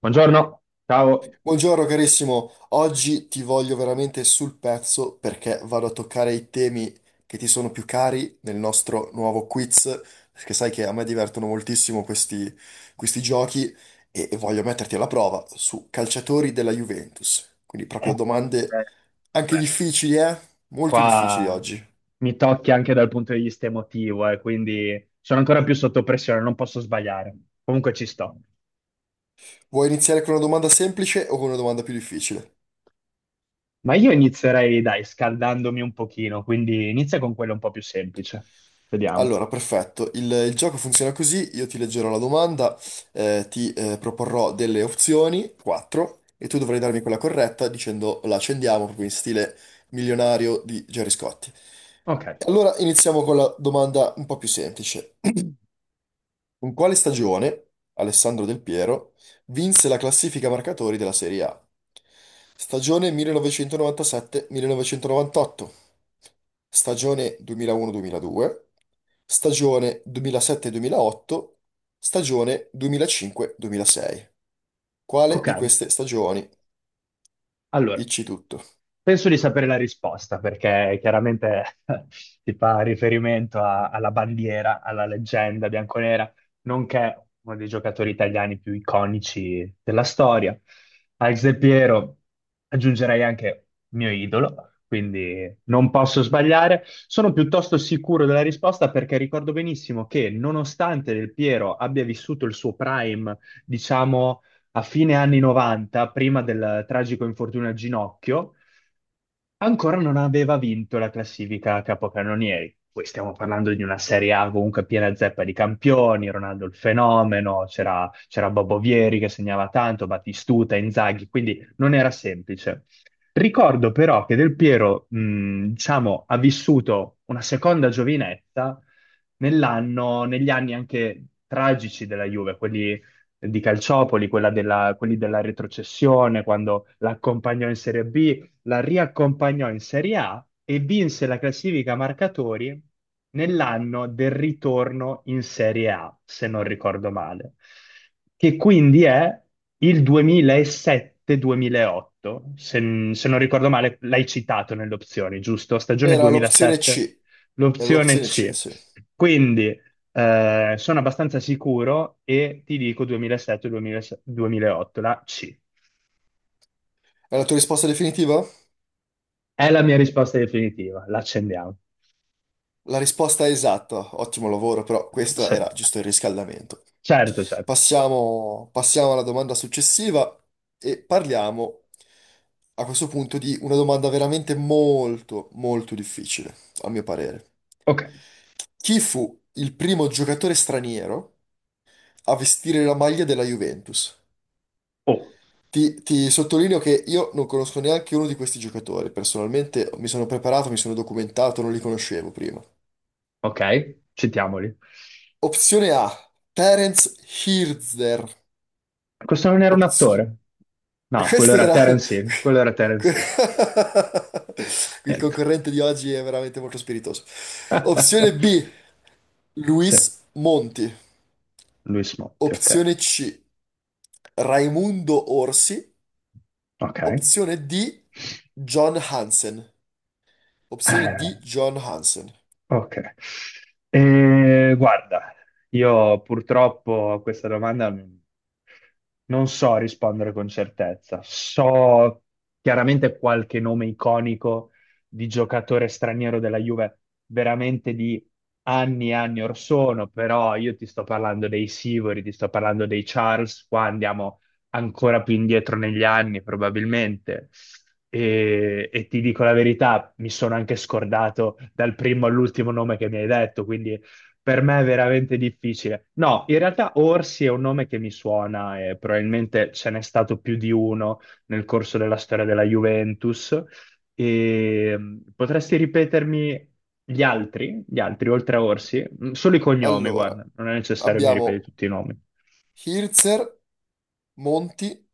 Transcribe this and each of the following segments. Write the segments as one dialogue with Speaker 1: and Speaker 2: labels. Speaker 1: Buongiorno, ciao.
Speaker 2: Buongiorno carissimo, oggi ti voglio veramente sul pezzo perché vado a toccare i temi che ti sono più cari nel nostro nuovo quiz, perché sai che a me divertono moltissimo questi giochi e voglio metterti alla prova su calciatori della Juventus. Quindi
Speaker 1: Eh,
Speaker 2: proprio domande
Speaker 1: eh,
Speaker 2: anche
Speaker 1: beh,
Speaker 2: difficili, eh? Molto difficili
Speaker 1: Qua
Speaker 2: oggi.
Speaker 1: mi tocchi anche dal punto di vista emotivo, quindi sono ancora più sotto pressione, non posso sbagliare. Comunque ci sto.
Speaker 2: Vuoi iniziare con una domanda semplice o con una domanda più difficile?
Speaker 1: Ma io inizierei, dai, scaldandomi un pochino, quindi inizia con quello un po' più semplice. Vediamo.
Speaker 2: Allora, perfetto. Il gioco funziona così, io ti leggerò la domanda, ti proporrò delle opzioni, quattro, e tu dovrai darmi quella corretta dicendo la accendiamo proprio in stile milionario di Gerry Scotti.
Speaker 1: Ok,
Speaker 2: Allora, iniziamo con la domanda un po' più semplice. In quale stagione Alessandro Del Piero vinse la classifica marcatori della Serie A? Stagione 1997-1998, stagione 2001-2002, stagione 2007-2008, stagione 2005-2006. Quale
Speaker 1: ok.
Speaker 2: di queste stagioni?
Speaker 1: Allora,
Speaker 2: Dici tutto.
Speaker 1: penso di sapere la risposta perché chiaramente si fa riferimento alla bandiera, alla leggenda bianconera, nonché uno dei giocatori italiani più iconici della storia. Al Del Piero aggiungerei anche mio idolo, quindi non posso sbagliare. Sono piuttosto sicuro della risposta perché ricordo benissimo che nonostante Del Piero abbia vissuto il suo prime, diciamo, a fine anni 90, prima del tragico infortunio al ginocchio, ancora non aveva vinto la classifica a capocannonieri. Poi stiamo parlando di una Serie A comunque piena zeppa di campioni, Ronaldo il fenomeno, c'era Bobo Vieri che segnava tanto, Battistuta, Inzaghi, quindi non era semplice. Ricordo però che Del Piero, diciamo, ha vissuto una seconda giovinezza nell'anno, negli anni anche tragici della Juve, quelli di Calciopoli, quelli della retrocessione, quando l'accompagnò in Serie B, la riaccompagnò in Serie A e vinse la classifica marcatori nell'anno del ritorno in Serie A, se non ricordo male, che quindi è il 2007-2008, se, se non ricordo male, l'hai citato nelle opzioni, giusto? Stagione
Speaker 2: Era l'opzione
Speaker 1: 2007,
Speaker 2: C, era
Speaker 1: l'opzione
Speaker 2: l'opzione C,
Speaker 1: C.
Speaker 2: sì.
Speaker 1: Quindi sono abbastanza sicuro e ti dico 2007-2008, la C.
Speaker 2: È la tua risposta definitiva?
Speaker 1: È la mia risposta definitiva, l'accendiamo.
Speaker 2: La risposta è esatta, ottimo lavoro, però questo
Speaker 1: Sì,
Speaker 2: era giusto il riscaldamento.
Speaker 1: certo, certo.
Speaker 2: Passiamo alla domanda successiva e parliamo a questo punto di una domanda veramente molto, molto difficile, a mio parere.
Speaker 1: Ok,
Speaker 2: Chi fu il primo giocatore straniero a vestire la maglia della Juventus?
Speaker 1: oh,
Speaker 2: Ti sottolineo che io non conosco neanche uno di questi giocatori, personalmente mi sono preparato, mi sono documentato, non li conoscevo prima.
Speaker 1: ok, citiamoli.
Speaker 2: Opzione A, Terence Hirzer.
Speaker 1: Questo non era un
Speaker 2: Opz-
Speaker 1: attore? No, quello
Speaker 2: Questo
Speaker 1: era
Speaker 2: era...
Speaker 1: Terence Hill, quello era Terence Hill.
Speaker 2: Il
Speaker 1: Niente.
Speaker 2: concorrente di oggi è veramente molto spiritoso. Opzione B,
Speaker 1: Sì,
Speaker 2: Luis Monti.
Speaker 1: Luis Motti, ok.
Speaker 2: Opzione C, Raimundo Orsi.
Speaker 1: Ok.
Speaker 2: Opzione D, John Hansen. Opzione D,
Speaker 1: Eh,
Speaker 2: John Hansen.
Speaker 1: ok, guarda, io purtroppo a questa domanda non so rispondere con certezza. So chiaramente qualche nome iconico di giocatore straniero della Juve, veramente di anni e anni or sono, però io ti sto parlando dei Sivori, ti sto parlando dei Charles, qua andiamo ancora più indietro negli anni, probabilmente. E ti dico la verità, mi sono anche scordato dal primo all'ultimo nome che mi hai detto, quindi per me è veramente difficile. No, in realtà Orsi è un nome che mi suona e probabilmente ce n'è stato più di uno nel corso della storia della Juventus. E, potresti ripetermi gli altri oltre a Orsi? Solo i cognomi,
Speaker 2: Allora,
Speaker 1: guarda, non è necessario che mi ripeti
Speaker 2: abbiamo
Speaker 1: tutti i nomi.
Speaker 2: Hirzer, Monti,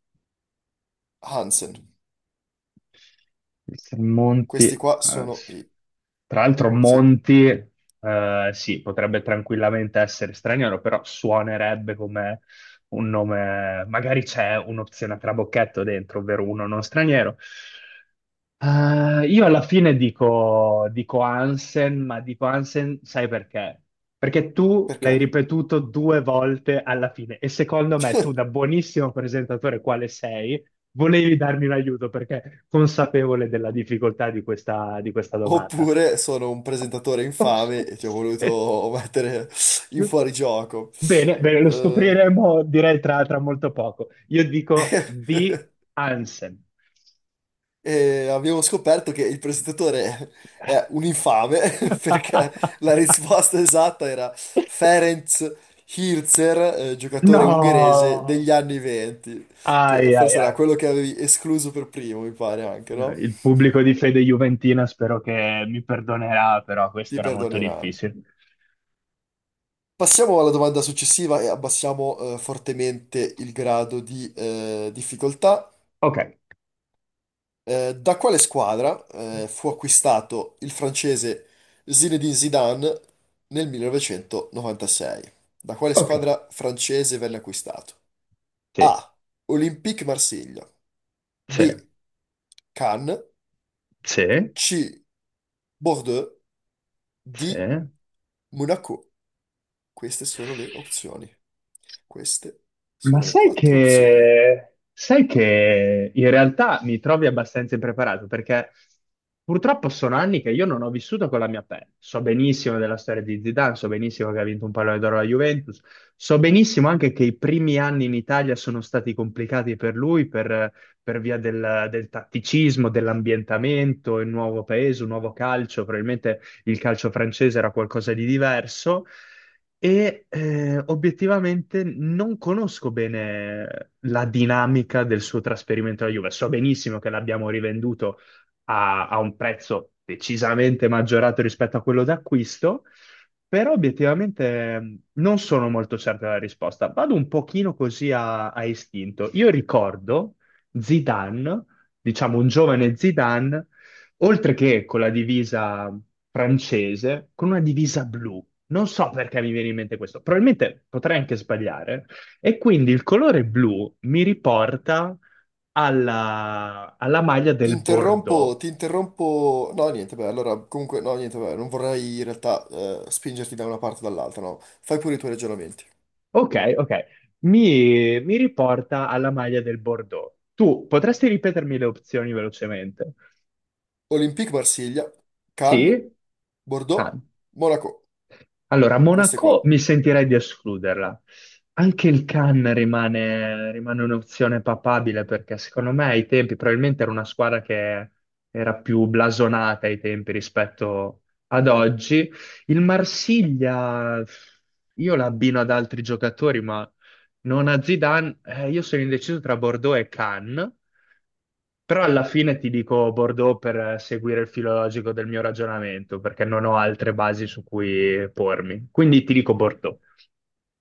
Speaker 2: Hansen.
Speaker 1: Il San Monti,
Speaker 2: Questi qua sono
Speaker 1: sì.
Speaker 2: i...
Speaker 1: Tra l'altro
Speaker 2: Sì,
Speaker 1: Monti, sì, potrebbe tranquillamente essere straniero, però suonerebbe come un nome, magari c'è un'opzione a trabocchetto dentro, ovvero uno non straniero. Io alla fine dico Hansen, ma dico Hansen, sai perché? Perché tu l'hai
Speaker 2: perché?
Speaker 1: ripetuto due volte alla fine e secondo me tu, da buonissimo presentatore quale sei, volevi darmi un aiuto perché consapevole della difficoltà di questa domanda.
Speaker 2: Oppure sono un presentatore infame e ti ho voluto mettere in fuorigioco.
Speaker 1: Bene, bene, lo
Speaker 2: Eh,
Speaker 1: scopriremo, direi, tra molto poco. Io dico di Hansen.
Speaker 2: e abbiamo scoperto che il presentatore è un infame perché la risposta esatta era Ferenc Hirzer, giocatore ungherese degli
Speaker 1: No!
Speaker 2: anni 20, che
Speaker 1: Ai, ai,
Speaker 2: forse era
Speaker 1: ai.
Speaker 2: quello che avevi escluso per primo, mi pare anche, no?
Speaker 1: Il pubblico di fede juventina spero che mi perdonerà, però questo
Speaker 2: Ti
Speaker 1: era molto
Speaker 2: perdoneranno.
Speaker 1: difficile.
Speaker 2: Passiamo alla domanda successiva e abbassiamo fortemente il grado di difficoltà.
Speaker 1: Ok,
Speaker 2: Da quale squadra fu acquistato il francese Zinedine Zidane nel 1996? Da quale
Speaker 1: ok,
Speaker 2: squadra francese venne acquistato?
Speaker 1: sì,
Speaker 2: A. Olympique Marsiglia.
Speaker 1: sì,
Speaker 2: B. Cannes.
Speaker 1: sì.
Speaker 2: C. Bordeaux.
Speaker 1: Sì.
Speaker 2: D. Monaco. Queste sono le opzioni. Queste
Speaker 1: Ma
Speaker 2: sono le quattro opzioni.
Speaker 1: sai che in realtà mi trovi abbastanza impreparato perché purtroppo sono anni che io non ho vissuto con la mia pelle. So benissimo della storia di Zidane, so benissimo che ha vinto un pallone d'oro alla Juventus, so benissimo anche che i primi anni in Italia sono stati complicati per lui per via del tatticismo, dell'ambientamento, il nuovo paese, un nuovo calcio, probabilmente il calcio francese era qualcosa di diverso e obiettivamente non conosco bene la dinamica del suo trasferimento alla Juve. So benissimo che l'abbiamo rivenduto a un prezzo decisamente maggiorato rispetto a quello d'acquisto, però obiettivamente, non sono molto certo della risposta. Vado un pochino così a istinto. Io ricordo Zidane, diciamo un giovane Zidane oltre che con la divisa francese, con una divisa blu. Non so perché mi viene in mente questo, probabilmente potrei anche sbagliare. E quindi il colore blu mi riporta alla maglia
Speaker 2: Ti
Speaker 1: del
Speaker 2: interrompo,
Speaker 1: Bordeaux.
Speaker 2: ti interrompo. No, niente, beh, allora, comunque, no, niente, beh, non vorrei in realtà spingerti da una parte o dall'altra, no. Fai pure i tuoi ragionamenti.
Speaker 1: Ok, ok, mi riporta alla maglia del Bordeaux. Tu potresti ripetermi le opzioni velocemente?
Speaker 2: Olympique Marsiglia, Cannes,
Speaker 1: Sì? Ah.
Speaker 2: Bordeaux, Monaco.
Speaker 1: Allora,
Speaker 2: Queste qua.
Speaker 1: Monaco mi sentirei di escluderla. Anche il Cannes rimane un'opzione papabile perché secondo me ai tempi probabilmente era una squadra che era più blasonata ai tempi rispetto ad oggi. Il Marsiglia io l'abbino ad altri giocatori, ma non a Zidane. Io sono indeciso tra Bordeaux e Cannes. Però alla fine ti dico Bordeaux per seguire il filo logico del mio ragionamento, perché non ho altre basi su cui pormi. Quindi ti dico Bordeaux.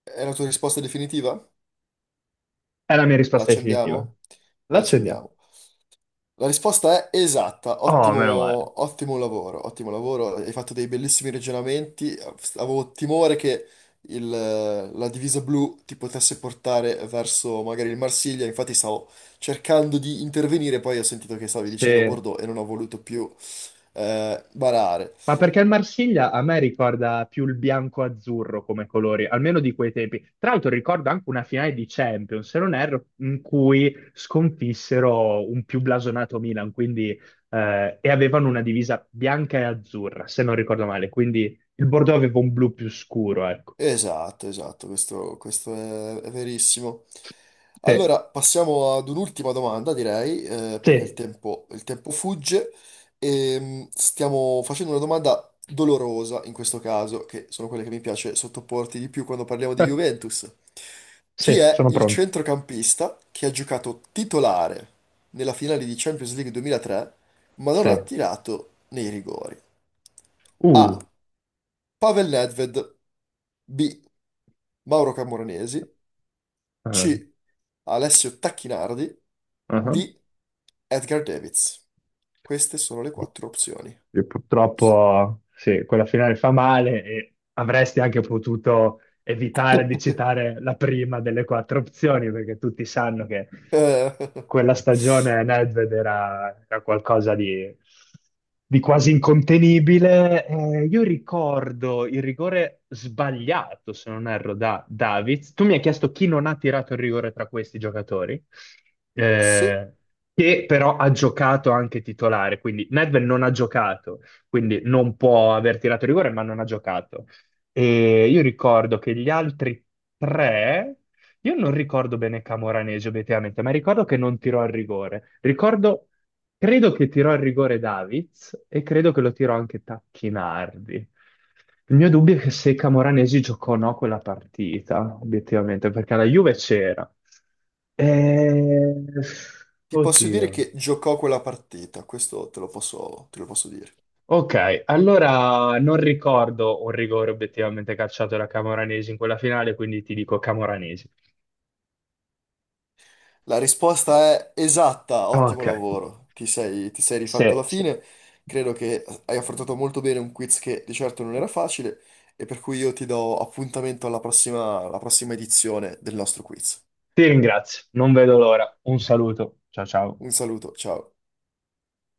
Speaker 2: È la tua risposta definitiva?
Speaker 1: È la mia
Speaker 2: La
Speaker 1: risposta definitiva.
Speaker 2: accendiamo?
Speaker 1: La
Speaker 2: La
Speaker 1: accendiamo.
Speaker 2: accendiamo. La risposta è esatta,
Speaker 1: Oh,
Speaker 2: ottimo,
Speaker 1: meno male.
Speaker 2: ottimo lavoro, hai fatto dei bellissimi ragionamenti, avevo timore che la divisa blu ti potesse portare verso magari il Marsiglia, infatti stavo cercando di intervenire, poi ho sentito che stavi dicendo
Speaker 1: Sì.
Speaker 2: Bordeaux e non ho voluto più barare.
Speaker 1: Ma perché il Marsiglia a me ricorda più il bianco-azzurro come colori, almeno di quei tempi. Tra l'altro ricordo anche una finale di Champions, se non erro, in cui sconfissero un più blasonato Milan, quindi, e avevano una divisa bianca e azzurra, se non ricordo male. Quindi il Bordeaux aveva un blu più scuro, ecco.
Speaker 2: Esatto, esatto, questo è verissimo.
Speaker 1: Sì,
Speaker 2: Allora, passiamo ad un'ultima domanda, direi, perché il
Speaker 1: sì,
Speaker 2: tempo, il tempo fugge. Stiamo facendo una domanda dolorosa in questo caso, che sono quelle che mi piace sottoporti di più quando parliamo di Juventus. Chi
Speaker 1: sì,
Speaker 2: è
Speaker 1: sono
Speaker 2: il
Speaker 1: pronto.
Speaker 2: centrocampista che ha giocato titolare nella finale di Champions League 2003, ma non ha
Speaker 1: Sì.
Speaker 2: tirato nei rigori? A.
Speaker 1: Uh.
Speaker 2: Pavel Nedved. B. Mauro Camoranesi.
Speaker 1: Ah,
Speaker 2: C. Alessio Tacchinardi.
Speaker 1: ah.
Speaker 2: D. Edgar Davids. Queste sono le quattro opzioni.
Speaker 1: E
Speaker 2: S-
Speaker 1: purtroppo, sì, quella finale fa male e avresti anche potuto evitare di citare la prima delle quattro opzioni, perché tutti sanno che
Speaker 2: eh,
Speaker 1: quella stagione Nedved era qualcosa di quasi incontenibile. Io ricordo il rigore sbagliato, se non erro, da Davids. Tu mi hai chiesto chi non ha tirato il rigore tra questi giocatori.
Speaker 2: Se
Speaker 1: Eh, che però ha giocato anche titolare, quindi Nedved non ha giocato, quindi non può aver tirato rigore, ma non ha giocato. E io ricordo che gli altri tre, io non ricordo bene Camoranesi obiettivamente, ma ricordo che non tirò il rigore. Ricordo, credo che tirò il rigore Davids e credo che lo tirò anche Tacchinardi. Il mio dubbio è che se Camoranesi giocò o no quella partita, obiettivamente, perché la Juve c'era. Eh,
Speaker 2: ti posso dire
Speaker 1: Oddio.
Speaker 2: che giocò quella partita, questo te lo posso, dire.
Speaker 1: Ok, allora non ricordo un rigore obiettivamente calciato da Camoranesi in quella finale, quindi ti dico Camoranesi.
Speaker 2: La risposta è esatta, ottimo
Speaker 1: Ok,
Speaker 2: lavoro. Ti sei rifatto
Speaker 1: sì,
Speaker 2: alla
Speaker 1: sì.
Speaker 2: fine. Credo che hai affrontato molto bene un quiz che di certo non era facile e per cui io ti do appuntamento alla prossima edizione del nostro quiz.
Speaker 1: Ti ringrazio, non vedo l'ora. Un saluto, ciao ciao.
Speaker 2: Un saluto, ciao.